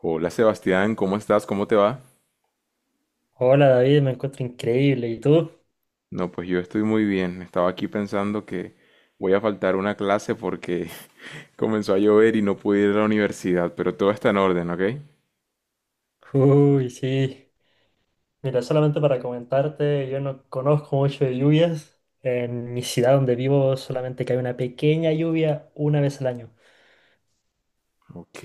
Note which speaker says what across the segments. Speaker 1: Hola Sebastián, ¿cómo estás? ¿Cómo te va?
Speaker 2: Hola David, me encuentro increíble. ¿Y tú?
Speaker 1: No, pues yo estoy muy bien. Estaba aquí pensando que voy a faltar una clase porque comenzó a llover y no pude ir a la universidad, pero todo está en orden, ¿ok?
Speaker 2: Uy, sí. Mira, solamente para comentarte, yo no conozco mucho de lluvias. En mi ciudad donde vivo solamente cae una pequeña lluvia una vez al año.
Speaker 1: Ok.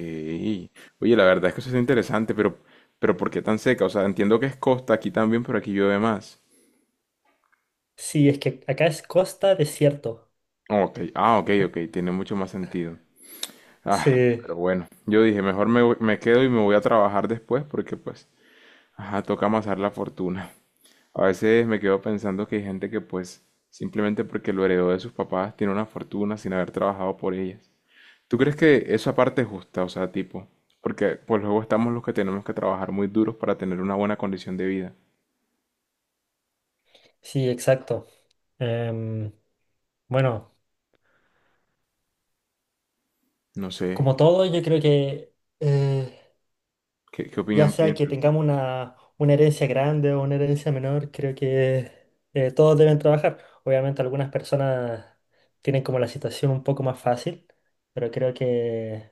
Speaker 1: Oye, la verdad es que eso es interesante, pero ¿por qué tan seca? O sea, entiendo que es costa aquí también, pero aquí llueve más.
Speaker 2: Sí, es que acá es costa desierto.
Speaker 1: Ok, ah, ok, ok, tiene mucho más sentido. Ah,
Speaker 2: Sí,
Speaker 1: pero bueno, yo dije, me quedo y me voy a trabajar después porque pues, ajá, toca amasar la fortuna. A veces me quedo pensando que hay gente que pues simplemente porque lo heredó de sus papás tiene una fortuna sin haber trabajado por ellas. ¿Tú crees que esa parte es justa? O sea, tipo, porque pues luego estamos los que tenemos que trabajar muy duros para tener una buena condición de vida.
Speaker 2: sí, exacto. Em, bueno,
Speaker 1: No sé,
Speaker 2: como todo, yo creo que eh,
Speaker 1: ¿qué
Speaker 2: ya
Speaker 1: opinión
Speaker 2: sea que
Speaker 1: piensas?
Speaker 2: tengamos una herencia grande o una herencia menor, creo que todos deben trabajar. Obviamente algunas personas tienen como la situación un poco más fácil, pero creo que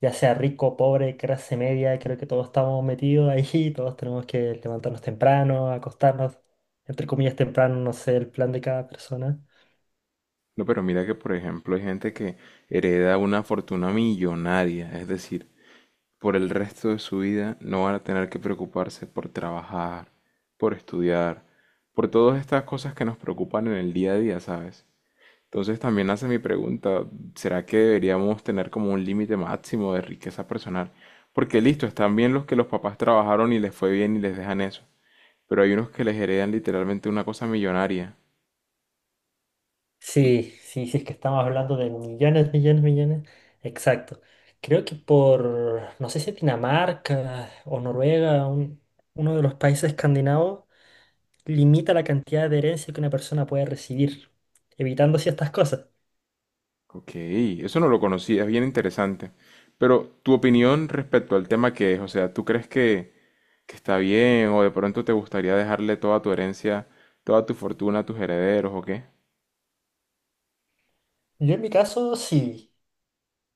Speaker 2: ya sea rico, pobre, clase media, creo que todos estamos metidos ahí, todos tenemos que levantarnos temprano, acostarnos, entre comillas temprano, no sé el plan de cada persona.
Speaker 1: No, pero mira que por ejemplo hay gente que hereda una fortuna millonaria, es decir, por el resto de su vida no van a tener que preocuparse por trabajar, por estudiar, por todas estas cosas que nos preocupan en el día a día, ¿sabes? Entonces también hace mi pregunta, ¿será que deberíamos tener como un límite máximo de riqueza personal? Porque listo, están bien los que los papás trabajaron y les fue bien y les dejan eso, pero hay unos que les heredan literalmente una cosa millonaria.
Speaker 2: Sí, sí, sí, es que estamos hablando de millones, millones, millones. Exacto. Creo que por, no sé si Dinamarca o Noruega, uno de los países escandinavos, limita la cantidad de herencia que una persona puede recibir, evitando ciertas cosas.
Speaker 1: Ok, eso no lo conocía, es bien interesante. Pero tu opinión respecto al tema que es, o sea, ¿tú crees que está bien o de pronto te gustaría dejarle toda tu herencia, toda tu fortuna a tus herederos o qué?
Speaker 2: Yo en mi caso, sí.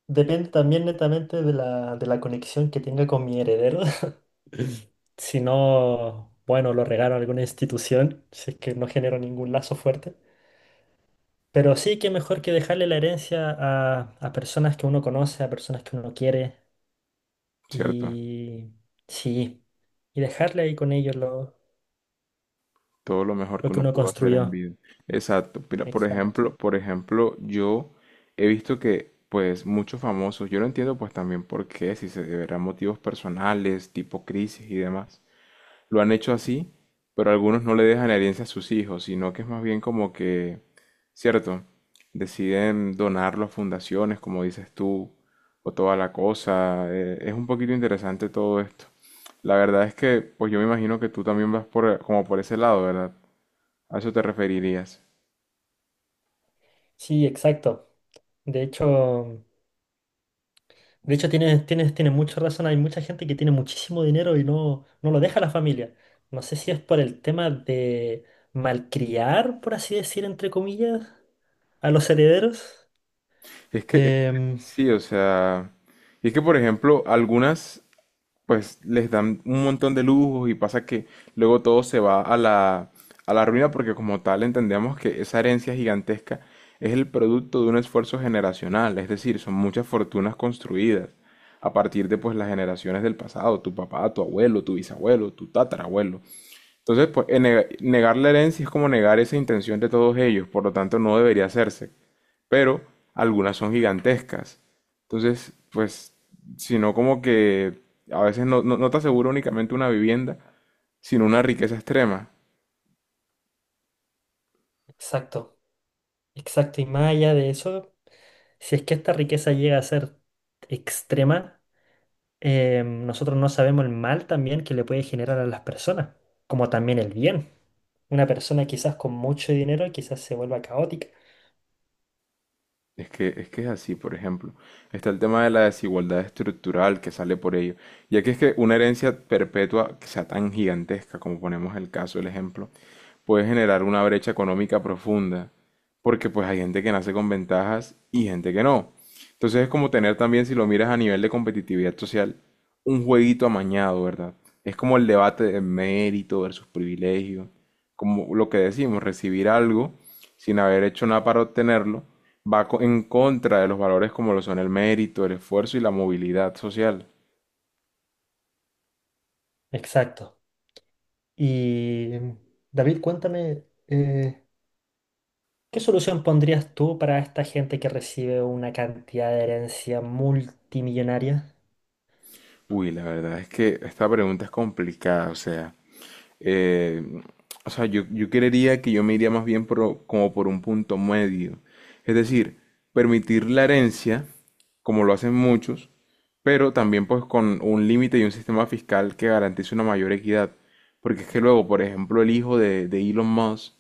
Speaker 2: Depende también netamente de de la conexión que tenga con mi heredero. Si no, bueno, lo regalo a alguna institución, si es que no genero ningún lazo fuerte. Pero sí que mejor que dejarle la herencia a personas que uno conoce, a personas que uno quiere.
Speaker 1: Cierto,
Speaker 2: Y sí, y dejarle ahí con ellos
Speaker 1: todo lo mejor que
Speaker 2: lo que
Speaker 1: uno
Speaker 2: uno
Speaker 1: pudo hacer en
Speaker 2: construyó.
Speaker 1: vida. Exacto. Mira, por
Speaker 2: Exacto.
Speaker 1: ejemplo, por ejemplo, yo he visto que pues muchos famosos, yo no entiendo pues también por qué, si se deberán motivos personales, tipo crisis y demás, lo han hecho así, pero algunos no le dejan herencia a sus hijos, sino que es más bien como que, cierto, deciden donarlo a fundaciones, como dices tú, o toda la cosa. Es un poquito interesante todo esto. La verdad es que, pues yo me imagino que tú también vas por, como por ese lado, ¿verdad? A eso te referirías.
Speaker 2: Sí, exacto. De hecho, de hecho tienes mucha razón. Hay mucha gente que tiene muchísimo dinero y no lo deja a la familia. No sé si es por el tema de malcriar, por así decir, entre comillas, a los herederos.
Speaker 1: Es que
Speaker 2: Em,
Speaker 1: sí, o sea, y es que, por ejemplo, algunas, pues les dan un montón de lujos y pasa que luego todo se va a la ruina porque como tal entendemos que esa herencia gigantesca es el producto de un esfuerzo generacional, es decir, son muchas fortunas construidas a partir de pues las generaciones del pasado, tu papá, tu abuelo, tu bisabuelo, tu tatarabuelo. Entonces, pues negar la herencia es como negar esa intención de todos ellos, por lo tanto no debería hacerse pero algunas son gigantescas. Entonces, pues, sino como que a veces no te asegura únicamente una vivienda, sino una riqueza extrema.
Speaker 2: exacto, exacto. Y más allá de eso. Si es que esta riqueza llega a ser extrema, nosotros no sabemos el mal también que le puede generar a las personas, como también el bien. Una persona quizás con mucho dinero quizás se vuelva caótica.
Speaker 1: Es que es así, por ejemplo. Está el tema de la desigualdad estructural que sale por ello. Ya que es que una herencia perpetua que sea tan gigantesca, como ponemos el caso, el ejemplo, puede generar una brecha económica profunda. Porque pues hay gente que nace con ventajas y gente que no. Entonces es como tener también, si lo miras a nivel de competitividad social, un jueguito amañado, ¿verdad? Es como el debate de mérito versus privilegio. Como lo que decimos, recibir algo sin haber hecho nada para obtenerlo, en contra de los valores como lo son el mérito, el esfuerzo y la movilidad social.
Speaker 2: Exacto. Y David, cuéntame, ¿qué solución pondrías tú para esta gente que recibe una cantidad de herencia multimillonaria?
Speaker 1: Uy, la verdad es que esta pregunta es complicada, eh, o sea, yo creería que yo me iría más bien como por un punto medio. Es decir, permitir la herencia, como lo hacen muchos, pero también pues con un límite y un sistema fiscal que garantice una mayor equidad. Porque es que luego, por ejemplo, el hijo de Elon Musk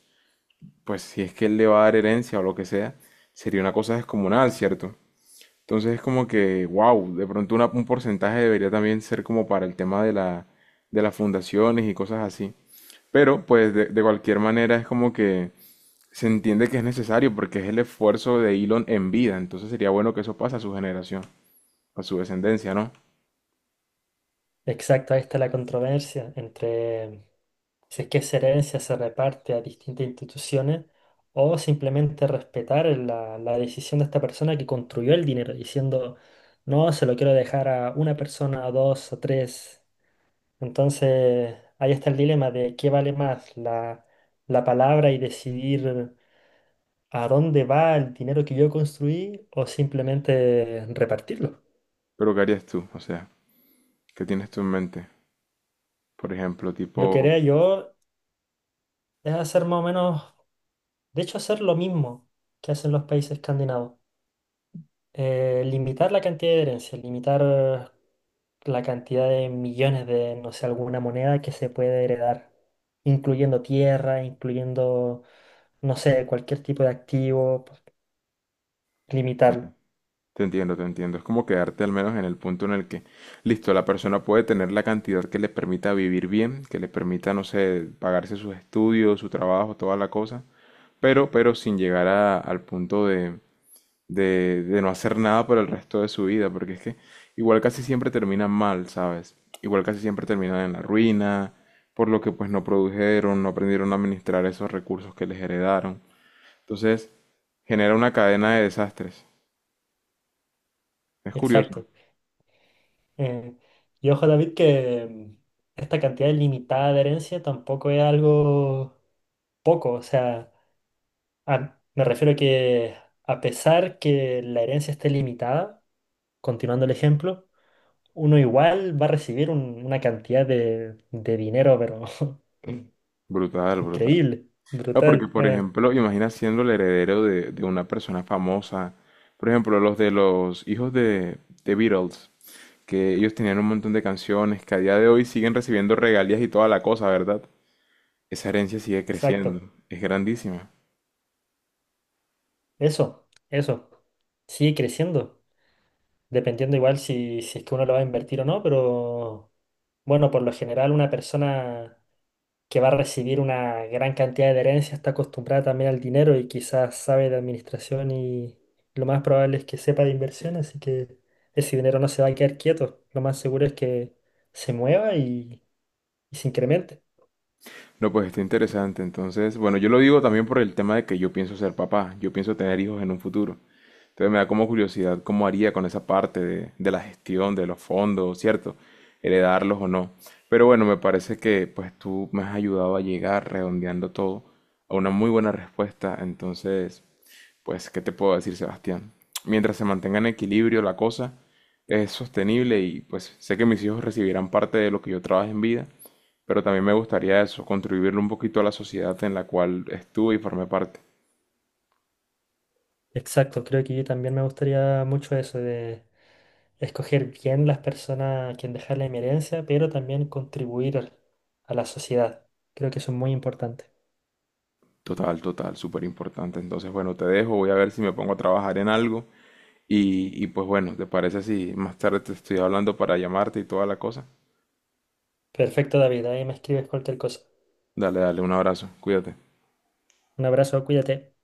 Speaker 1: pues si es que él le va a dar herencia o lo que sea, sería una cosa descomunal, ¿cierto? Entonces es como que, wow, de pronto un porcentaje debería también ser como para el tema de la, de las fundaciones y cosas así. Pero pues de cualquier manera es como que se entiende que es necesario porque es el esfuerzo de Elon en vida. Entonces sería bueno que eso pase a su generación, a su descendencia, ¿no?
Speaker 2: Exacto, ahí está la controversia entre si es que esa herencia se reparte a distintas instituciones o simplemente respetar la decisión de esta persona que construyó el dinero, diciendo, no, se lo quiero dejar a una persona, a dos, a tres. Entonces, ahí está el dilema de qué vale más la palabra y decidir a dónde va el dinero que yo construí o simplemente repartirlo.
Speaker 1: Pero ¿qué harías tú? O sea, ¿qué tienes tú en mente? Por ejemplo,
Speaker 2: Lo que
Speaker 1: tipo...
Speaker 2: haría yo es hacer más o menos. De hecho, hacer lo mismo que hacen los países escandinavos. Limitar la cantidad de herencia, limitar la cantidad de millones de, no sé, alguna moneda que se puede heredar, incluyendo tierra, incluyendo, no sé, cualquier tipo de activo, pues, limitarlo.
Speaker 1: Te entiendo, te entiendo. Es como quedarte al menos en el punto en el que, listo, la persona puede tener la cantidad que le permita vivir bien, que le permita, no sé, pagarse sus estudios, su trabajo, toda la cosa, pero sin al punto de, de no hacer nada por el resto de su vida, porque es que igual casi siempre termina mal, ¿sabes? Igual casi siempre terminan en la ruina, por lo que pues no produjeron, no aprendieron a administrar esos recursos que les heredaron. Entonces, genera una cadena de desastres. Es curioso.
Speaker 2: Exacto. Eh, y ojo, David, que esta cantidad limitada de herencia tampoco es algo poco. O sea, me refiero que a pesar que la herencia esté limitada, continuando el ejemplo, uno igual va a recibir una cantidad de dinero, pero
Speaker 1: Brutal, brutal.
Speaker 2: increíble,
Speaker 1: No, porque
Speaker 2: brutal.
Speaker 1: por ejemplo, imagina siendo el heredero de una persona famosa. Por ejemplo, los de los hijos de Beatles, que ellos tenían un montón de canciones que a día de hoy siguen recibiendo regalías y toda la cosa, ¿verdad? Esa herencia sigue
Speaker 2: Exacto.
Speaker 1: creciendo, es grandísima.
Speaker 2: Eso, eso. Sigue creciendo, dependiendo igual si, si es que uno lo va a invertir o no, pero bueno, por lo general una persona... que va a recibir una gran cantidad de herencia, está acostumbrada también al dinero y quizás sabe de administración y lo más probable es que sepa de inversión, así que ese dinero no se va a quedar quieto. Lo más seguro es que se mueva y se incremente.
Speaker 1: No, pues está interesante. Entonces, bueno, yo lo digo también por el tema de que yo pienso ser papá, yo pienso tener hijos en un futuro. Entonces me da como curiosidad cómo haría con esa parte de la gestión, de los fondos, ¿cierto? Heredarlos o no. Pero bueno, me parece que pues tú me has ayudado a llegar redondeando todo a una muy buena respuesta. Entonces, pues, ¿qué te puedo decir, Sebastián? Mientras se mantenga en equilibrio la cosa, es sostenible y pues sé que mis hijos recibirán parte de lo que yo trabaje en vida, pero también me gustaría eso, contribuirle un poquito a la sociedad en la cual estuve y formé parte.
Speaker 2: Exacto, creo que yo también me gustaría mucho eso de escoger bien las personas a quien dejar la herencia, pero también contribuir a la sociedad. Creo que eso es muy importante.
Speaker 1: Total, total, súper importante. Entonces, bueno, te dejo, voy a ver si me pongo a trabajar en algo y pues bueno, ¿te parece si más tarde te estoy hablando para llamarte y toda la cosa?
Speaker 2: Perfecto, David, ahí me escribes cualquier cosa.
Speaker 1: Dale, dale, un abrazo, cuídate.
Speaker 2: Un abrazo, cuídate.